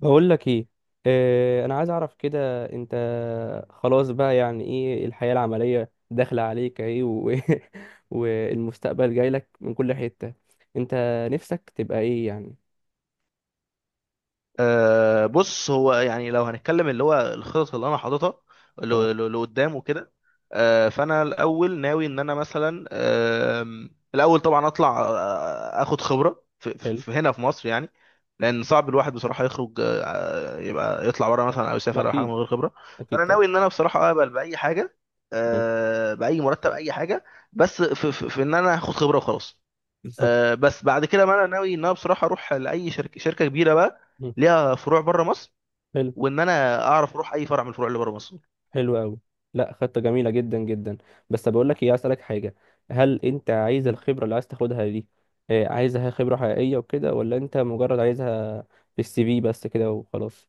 بقول لك ايه. انا عايز اعرف كده انت خلاص بقى يعني ايه الحياة العملية داخلة عليك اهي والمستقبل جاي لك من كل حتة. انت نفسك تبقى ايه يعني. بص، هو يعني لو هنتكلم اللي هو الخطط اللي انا حاططها ل- اه. لقدام وكده. فانا الاول ناوي ان انا مثلا، آم، الاول طبعا اطلع، اخد خبره حلو. هنا في مصر يعني، لان صعب الواحد بصراحه يخرج، يبقى يطلع بره مثلا او ما يسافر او حاجه اكيد. من غير خبره. اكيد فانا طبعا. ناوي ان انا بصراحه اقبل باي حاجه، مم. باي مرتب، اي حاجه، بس في, في, في ان انا هاخد خبره وخلاص. بالظبط. بس بعد كده بقى انا ناوي ان انا بصراحه اروح لاي شركه كبيره بقى مم. ليها فروع بره مصر، حلو. وان انا اعرف اروح اي فرع من الفروع اللي بره مصر. حلو قوي. لا، خطة جميلة جدا جدا. بس بقول لك ايه، عايز اسالك حاجة. هل انت عايز الخبرة اللي عايز تاخدها دي، عايزها خبرة حقيقية وكده، ولا انت مجرد عايزها في السي في بس كده وخلاص.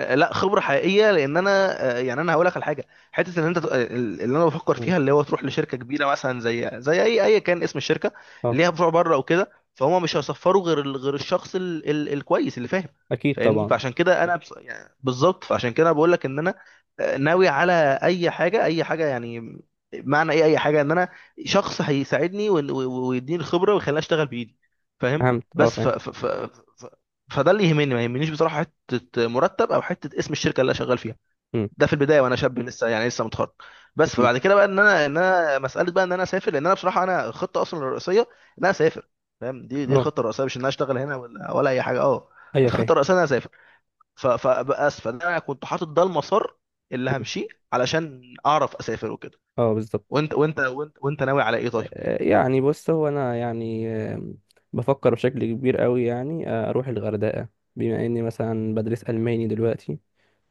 لا، خبره حقيقيه، لان انا، يعني انا هقول لك على حاجه، حته ان انت، اللي انا بفكر مم. فيها اللي هو تروح لشركه كبيره مثلا، زي اي كان اسم الشركه اه. اللي هي بتوع بره وكده، فهم مش هيصفروا غير غير الشخص ال ال الكويس اللي فاهم. اكيد فاهمني؟ طبعا. فعشان كده انا يعني بالظبط، فعشان كده انا بقول لك ان انا ناوي على اي حاجه، اي حاجه يعني. معنى ايه اي حاجه؟ ان انا شخص هيساعدني، و ويديني الخبره ويخليني اشتغل بايدي، فاهم؟ فهمت، اه بس فاهم. ف... فده اللي يهمني، ما يهمنيش بصراحه حته مرتب او حته اسم الشركه اللي انا شغال فيها. امم. ده في البدايه وانا شاب لسه، يعني لسه متخرج. بس اكيد. فبعد كده بقى ان انا مساله بقى ان انا اسافر، لان انا بصراحه انا الخطه اصلا الرئيسيه ان انا اسافر، فاهم؟ دي اه الخطه الرئيسيه، مش ان انا اشتغل هنا ولا اي حاجه. اه، ايوه فاهم. الخطه الرئيسيه ان انا اسافر. ف- فبس فانا كنت حاطط ده المسار اللي مم. همشيه علشان اعرف اسافر وكده. اه بالظبط. وانت ناوي على ايه طيب؟ يعني بص هو انا يعني، آم، بفكر بشكل كبير قوي، يعني اروح الغردقه، بما اني مثلا بدرس الماني دلوقتي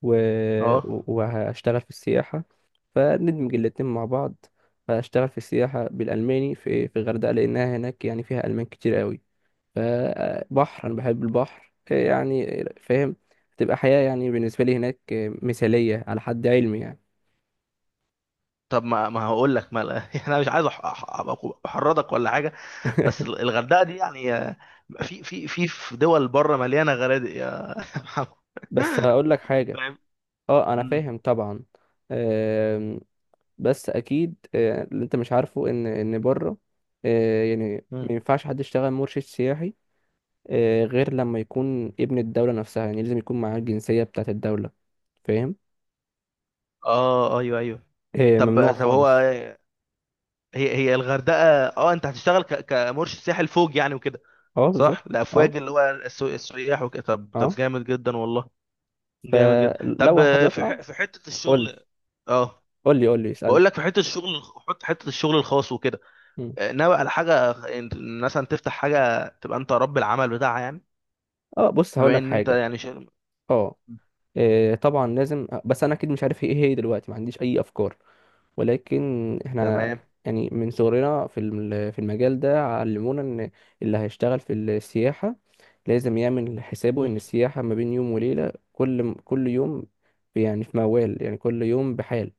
و... اه، وهشتغل في السياحه، فندمج الاتنين مع بعض. فاشتغل في السياحه بالالماني في الغردقه، لانها هناك يعني فيها المان كتير قوي. فبحر، انا بحب البحر يعني، فاهم. تبقى حياة يعني بالنسبة لي هناك مثالية على حد علمي يعني. طب ما هقول لك، ما، يعني انا مش عايز أبقى احرضك ولا حاجه، بس الغردقه دي يعني، في دول بره مليانه غنادق يا محمد، بس هقول لك حاجة. فاهم؟ اه انا مم. فاهم طبعا. آم، بس اكيد اللي انت مش عارفه ان بره يعني ما مم. ينفعش حد يشتغل مرشد سياحي غير لما يكون ابن الدولة نفسها. يعني لازم يكون معاه الجنسية بتاعت الدولة، فاهم. اه، ايوه، ايوه. ممنوع طب هو خالص. هي هي الغردقه، اه انت هتشتغل كمرشد سياحي لفوق يعني وكده؟ اه بالظبط. صح، اه. الافواج، اللي هو السياح وكده. طب اه. جامد جدا والله، جامد جدا. طب، فلو حابب في اطلع في حته قول لي. الشغل، اه قول لي اسألني. بقول لك في حته الشغل، حط حته الشغل الخاص وكده، مم. ناوي على حاجه مثلا تفتح حاجه تبقى انت رب العمل بتاعها يعني؟ اه بص هقول بما لك ان انت حاجة. يعني شغل. اه إيه، طبعا لازم بس انا اكيد مش عارف ايه هي دلوقتي، ما عنديش اي افكار. ولكن احنا تمام. يعني من صغرنا في في المجال ده علمونا ان اللي هيشتغل في السياحة لازم يعمل حسابه مم. ان السياحة ما بين يوم وليلة، كل يوم يعني في موال، يعني كل يوم بحال.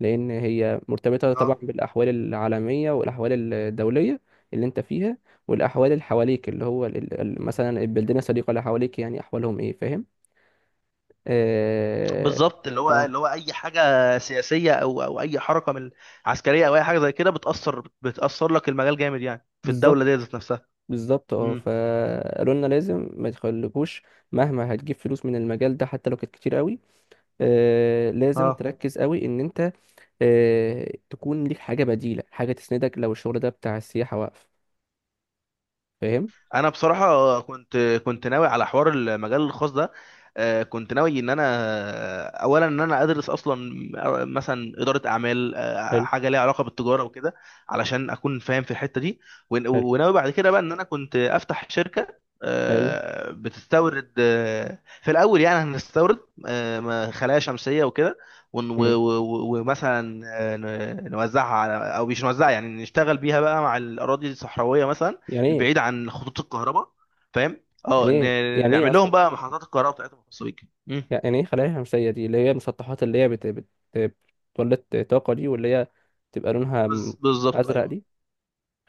لأن هي مرتبطة طبعا اه بالأحوال العالمية والأحوال الدولية اللي أنت فيها، والأحوال اللي حواليك، اللي هو مثلا البلدان الصديقة اللي حواليك يعني أحوالهم إيه، فاهم؟ آه, بالظبط، اللي هو آه اللي هو اي حاجه سياسيه او اي حركه من عسكريه او اي حاجه زي كده، بتاثر لك المجال جامد يعني في بالظبط. الدوله دي ذات نفسها. بالظبط اه. مم. فقالوا لنا لازم ما تخليكوش مهما هتجيب فلوس من المجال ده، حتى لو كانت كتير قوي، لازم اه، تركز قوي ان انت تكون ليك حاجة بديلة، حاجة تسندك لو الشغل ده بتاع السياحة واقف، فاهم. انا بصراحه كنت ناوي على حوار المجال الخاص ده. كنت ناوي ان انا، اولا ان انا ادرس اصلا مثلا اداره اعمال، حلو. حاجه ليها علاقه بالتجاره وكده، علشان اكون فاهم في الحته دي. حلو. وناوي بعد كده بقى ان انا كنت افتح شركه، حلو. بتستورد، في الاول يعني هنستورد، خلايا شمسيه وكده. مم. ومثلا، نوزعها على، او مش نوزعها يعني نشتغل بيها بقى مع الاراضي الصحراويه مثلا، يعني ايه. البعيد عن خطوط الكهرباء، فاهم؟ يعني اه، ايه يعني ايه نعمل لهم اصلا. بقى محطات الكهرباء بتاعتهم الخاصه بيك. مم. يعني ايه خلايا شمسيه دي، اللي هي المسطحات اللي هي بتولد طاقه دي، واللي هي تبقى لونها بالظبط، ازرق ايوه. دي،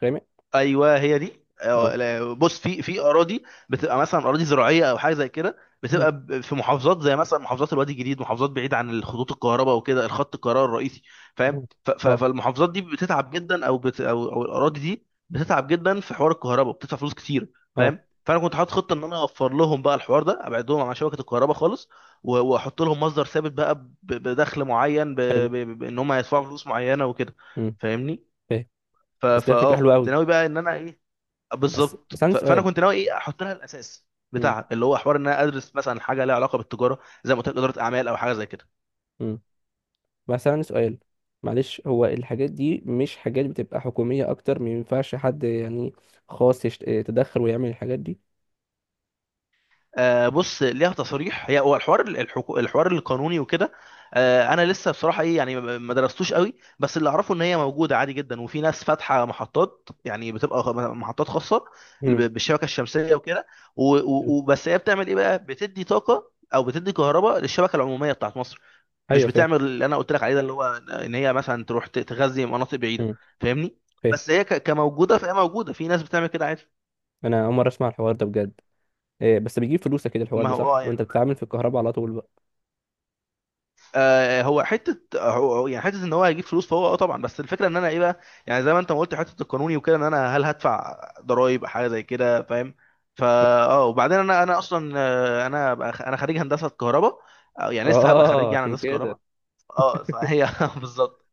غامق. ايوه هي دي. اه. لا، بص، في في اراضي بتبقى مثلا اراضي زراعيه او حاجه زي كده، حلو. في محافظات زي مثلا محافظات الوادي الجديد، محافظات بعيد عن خطوط الكهرباء وكده، الخط الكهرباء الرئيسي، فاهم؟ اه. اه. فالمحافظات دي بتتعب جدا، او بت او او الاراضي دي بتتعب جدا في حوار الكهرباء، بتدفع فلوس كتير، آه. فاهم؟ فانا كنت حاطط خطه ان انا اوفر لهم بقى الحوار ده، ابعدهم عن شبكه الكهرباء خالص، واحط لهم مصدر ثابت بقى، بدخل معين، حلو. بان هم هيدفعوا فلوس معينه وكده، امم. فاهمني؟ فاهم. ف- بس ده فكره فاه حلوه كنت قوي. ناوي بقى ان انا ايه، بس بالظبط. بس عندي فانا سؤال. كنت ناوي ايه احط لها الاساس امم. بتاعها، اللي هو حوار ان انا ادرس مثلا حاجه لها علاقه بالتجاره، زي ما قلت لك، اداره اعمال او حاجه زي كده. امم. بس عندي سؤال، معلش. هو الحاجات دي مش حاجات بتبقى حكوميه اكتر؟ ما ينفعش حد يعني خاص يتدخل ويعمل الحاجات دي؟ آه، بص ليها تصريح، هي هو الحوار الحوار القانوني وكده. آه، انا لسه بصراحه ايه يعني، ما درستوش قوي، بس اللي اعرفه ان هي موجوده عادي جدا، وفي ناس فاتحه محطات يعني، بتبقى محطات خاصه امم. بالشبكه الشمسيه وكده. و- حلو. و- وبس هي بتعمل ايه بقى، بتدي طاقه او بتدي كهرباء للشبكه العموميه بتاعت مصر، مش ايوه فاهم. بتعمل اللي انا قلت لك عليه ده، اللي هو ان هي مثلا تروح تغذي مناطق بعيده، امم. فاهمني؟ فاهم. بس هي كموجوده، فهي موجوده، في ناس بتعمل كده عادي. انا اول مره اسمع الحوار ده بجد. إيه بس بيجيب فلوس كده الحوار ما ده، هو اه، صح؟ وانت يعني انا، بتتعامل في الكهرباء على طول بقى. آه هو حته، هو هو يعني حته ان هو هيجيب فلوس، فهو اه طبعا، بس الفكره ان انا ايه بقى، يعني زي ما انت ما قلت، حته القانوني وكده، ان انا هل هدفع ضرائب حاجه زي كده، فاهم؟ فا اه، وبعدين انا اصلا، انا انا خريج هندسه كهرباء، يعني لسه هبقى اه خريج يعني عشان هندسه كده. كهرباء. اه فهي بالظبط،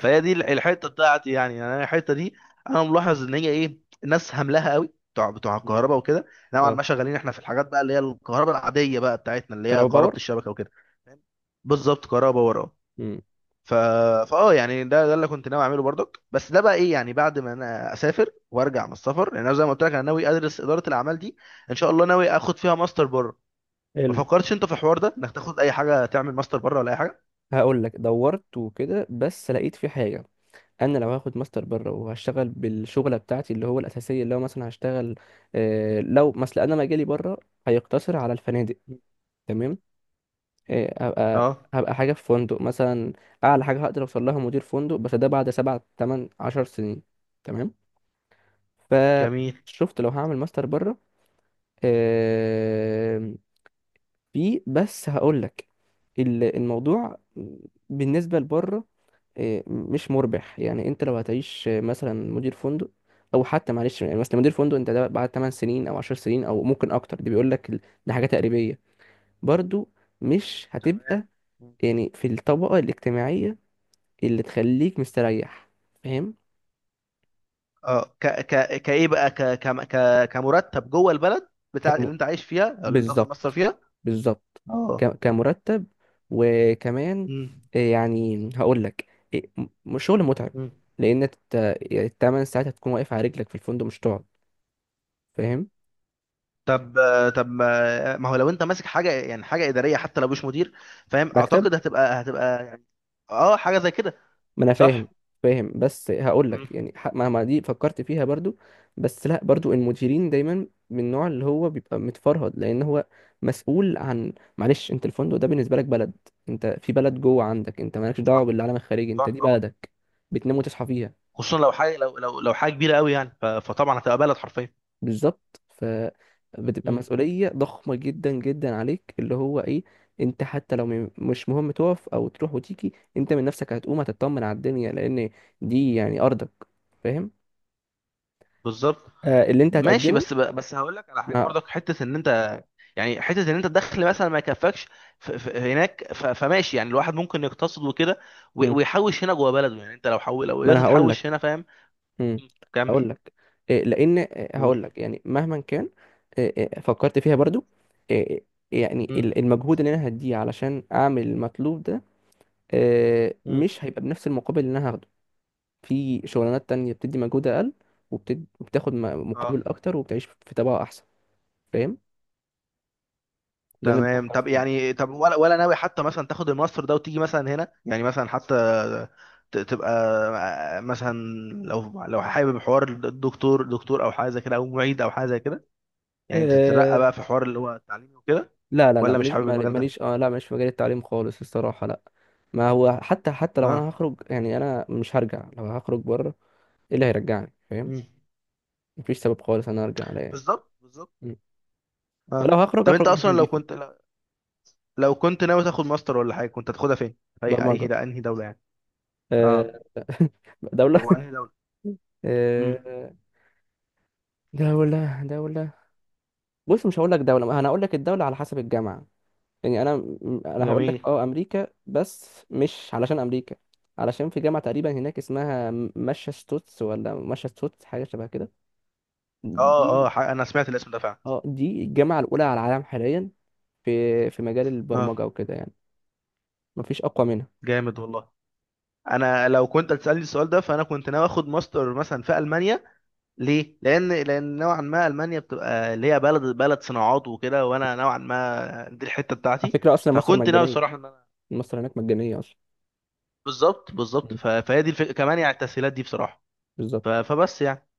فهي دي الحته بتاعتي يعني انا الحته دي، انا ملاحظ ان هي ايه، الناس هملها قوي بتوع مم. الكهرباء وكده، نوعا اه ما شغالين احنا في الحاجات بقى اللي هي الكهرباء العاديه بقى بتاعتنا اللي هي كهرباء كهرباء باور. الشبكه وكده، فاهم؟ بالظبط، كهرباء وراه. مم. ف... فاه يعني ده اللي كنت ناوي اعمله برضك، بس ده بقى ايه، يعني بعد ما انا اسافر وارجع من السفر، لان انا زي ما قلت لك انا ناوي ادرس اداره الاعمال دي، ان شاء الله ناوي اخد فيها ماستر بره. ما حلو. فكرتش انت في الحوار ده، انك تاخد اي حاجه تعمل ماستر بره ولا اي حاجه؟ هقول لك دورت وكده بس لقيت في حاجه. انا لو هاخد ماستر بره وهشتغل بالشغله بتاعتي اللي هو الاساسيه، اللي هو مثلا هشتغل لو مثلا انا مجالي بره هيقتصر على الفنادق، تمام. آه هبقى اه. هبقى حاجه في فندق مثلا. اعلى حاجه هقدر اوصل لها مدير فندق، بس ده بعد سبع تمن عشر سنين، تمام. جميل. فشفت لو هعمل ماستر بره، آم، في بس هقول لك، الموضوع بالنسبة لبره مش مربح. يعني انت لو هتعيش مثلا مدير فندق، او حتى معلش يعني مثلا مدير فندق انت ده بعد 8 سنين او 10 سنين او ممكن اكتر، دي بيقول لك ده حاجة تقريبية برضو. مش تمام. هتبقى يعني في الطبقة الاجتماعية اللي تخليك مستريح، فاهم. اه، ك ك كايه بقى، كمرتب جوه البلد بتاع اللي انت عايش فيها، او اللي انت واخد مصر بالظبط. فيها. بالظبط. اه. كمرتب، وكمان مم. إيه يعني هقول لك، إيه، شغل متعب. مم. لان التمن ساعات هتكون واقف على رجلك في الفندق، مش تقعد، فاهم. طب طب ما ما هو لو انت ماسك حاجه يعني، حاجه اداريه، حتى لو مش مدير، فاهم، مكتب. اعتقد هتبقى يعني، اه، حاجه زي كده، ما انا فاهم. صح. فاهم بس هقول مم. لك يعني، مهما دي فكرت فيها برضو، بس لا، برضو المديرين دايما من النوع اللي هو بيبقى متفرهد، لان هو مسؤول عن، معلش انت الفندق ده بالنسبه لك بلد، انت في بلد جوه، عندك انت مالكش دعوه صح، بالعالم الخارجي، انت صح دي طبعا. بلدك بتنام وتصحى فيها. خصوصا لو حاجه، لو حاجه كبيره قوي يعني، فطبعا هتبقى بلد حرفيا. بالظبط. فبتبقى مم. مسؤولية ضخمة جدا جدا عليك، اللي هو ايه، انت حتى لو مش مهم تقف او تروح وتيجي، انت من نفسك هتقوم هتطمن على الدنيا، لان دي يعني ارضك، فاهم. بالظبط. آه اللي انت ماشي، هتقدمه. بس بس هقول لك على حاجه ما, برضك، حته ان انت يعني، حته ان انت الدخل مثلا ما يكفكش هناك، فماشي يعني، الواحد ممكن يقتصد وكده، و مم. ويحوش هنا جوه بلده، يعني انت لو لو ما قدرت انا هقول تحوش لك، هنا، فاهم؟ كمل. هقول لك إيه، لان قول. هقول لك يعني مهما كان آه، فكرت فيها برضو، آه، يعني مم. المجهود اللي انا هديه علشان اعمل المطلوب ده مم. مش هيبقى بنفس المقابل اللي انا هاخده في شغلانات تانية، بتدي مجهود أقل وبتاخد اه. مقابل أكتر وبتعيش في طبقة أحسن، فاهم. ده اللي أنا تمام. بفكر طب فيه. يعني، طب ولا ناوي حتى مثلا تاخد الماستر ده وتيجي مثلا هنا، يعني مثلا حتى تبقى مثلا، لو حابب حوار دكتور او حاجه زي كده، او معيد او حاجه زي كده، يعني تترقى بقى أه... في حوار اللي هو التعليمي وكده، لا لا لا، ولا مش ماليش حابب مال- المجال ده؟ ماليش اه لا ماليش في مجال التعليم خالص، الصراحة لا. ما هو حتى، حتى لو اه. أنا هخرج يعني أنا مش هرجع. لو هخرج بره إيه اللي هيرجعني، فاهم. مم. مفيش سبب خالص أنا أرجع لا، يعني بالظبط، بالظبط. م. فلو اه. هخرج طب انت هخرج من اصلا حاجة لو نضيفة. كنت، لو كنت ناوي تاخد ماستر ولا حاجه، كنت هتاخدها فين، في اي اي برمجة. ده انهي دوله يعني؟ اه. أه... دولة. طب وانهي دوله؟ امم. آه، دولة. بص مش هقول لك دولة، أنا هقول لك الدولة على حسب الجامعة. يعني انا انا هقول لك جميل. اه امريكا، بس مش علشان امريكا، علشان في جامعه تقريبا هناك اسمها ماشاتشوتس، ولا ماشاتشوتس حاجه شبه كده، دي اه، اه، انا سمعت الاسم ده فعلا. اه دي الجامعه الاولى على العالم حاليا في في مجال اه، البرمجه وكده يعني، مفيش اقوى منها. جامد والله. انا لو كنت هتسالني السؤال ده، فانا كنت ناوي اخد ماستر مثلا في المانيا، ليه؟ لان نوعا ما المانيا بتبقى اللي هي بلد صناعات وكده، وانا نوعا ما دي الحته على بتاعتي. فكره اصلا مصر فكنت ناوي مجانيه، الصراحه ان انا، مصر هناك مجانيه اصلا. بالظبط، بالظبط، مم. فهي دي الفكره كمان يعني، التسهيلات دي بصراحه. ف- بالظبط. فبس يعني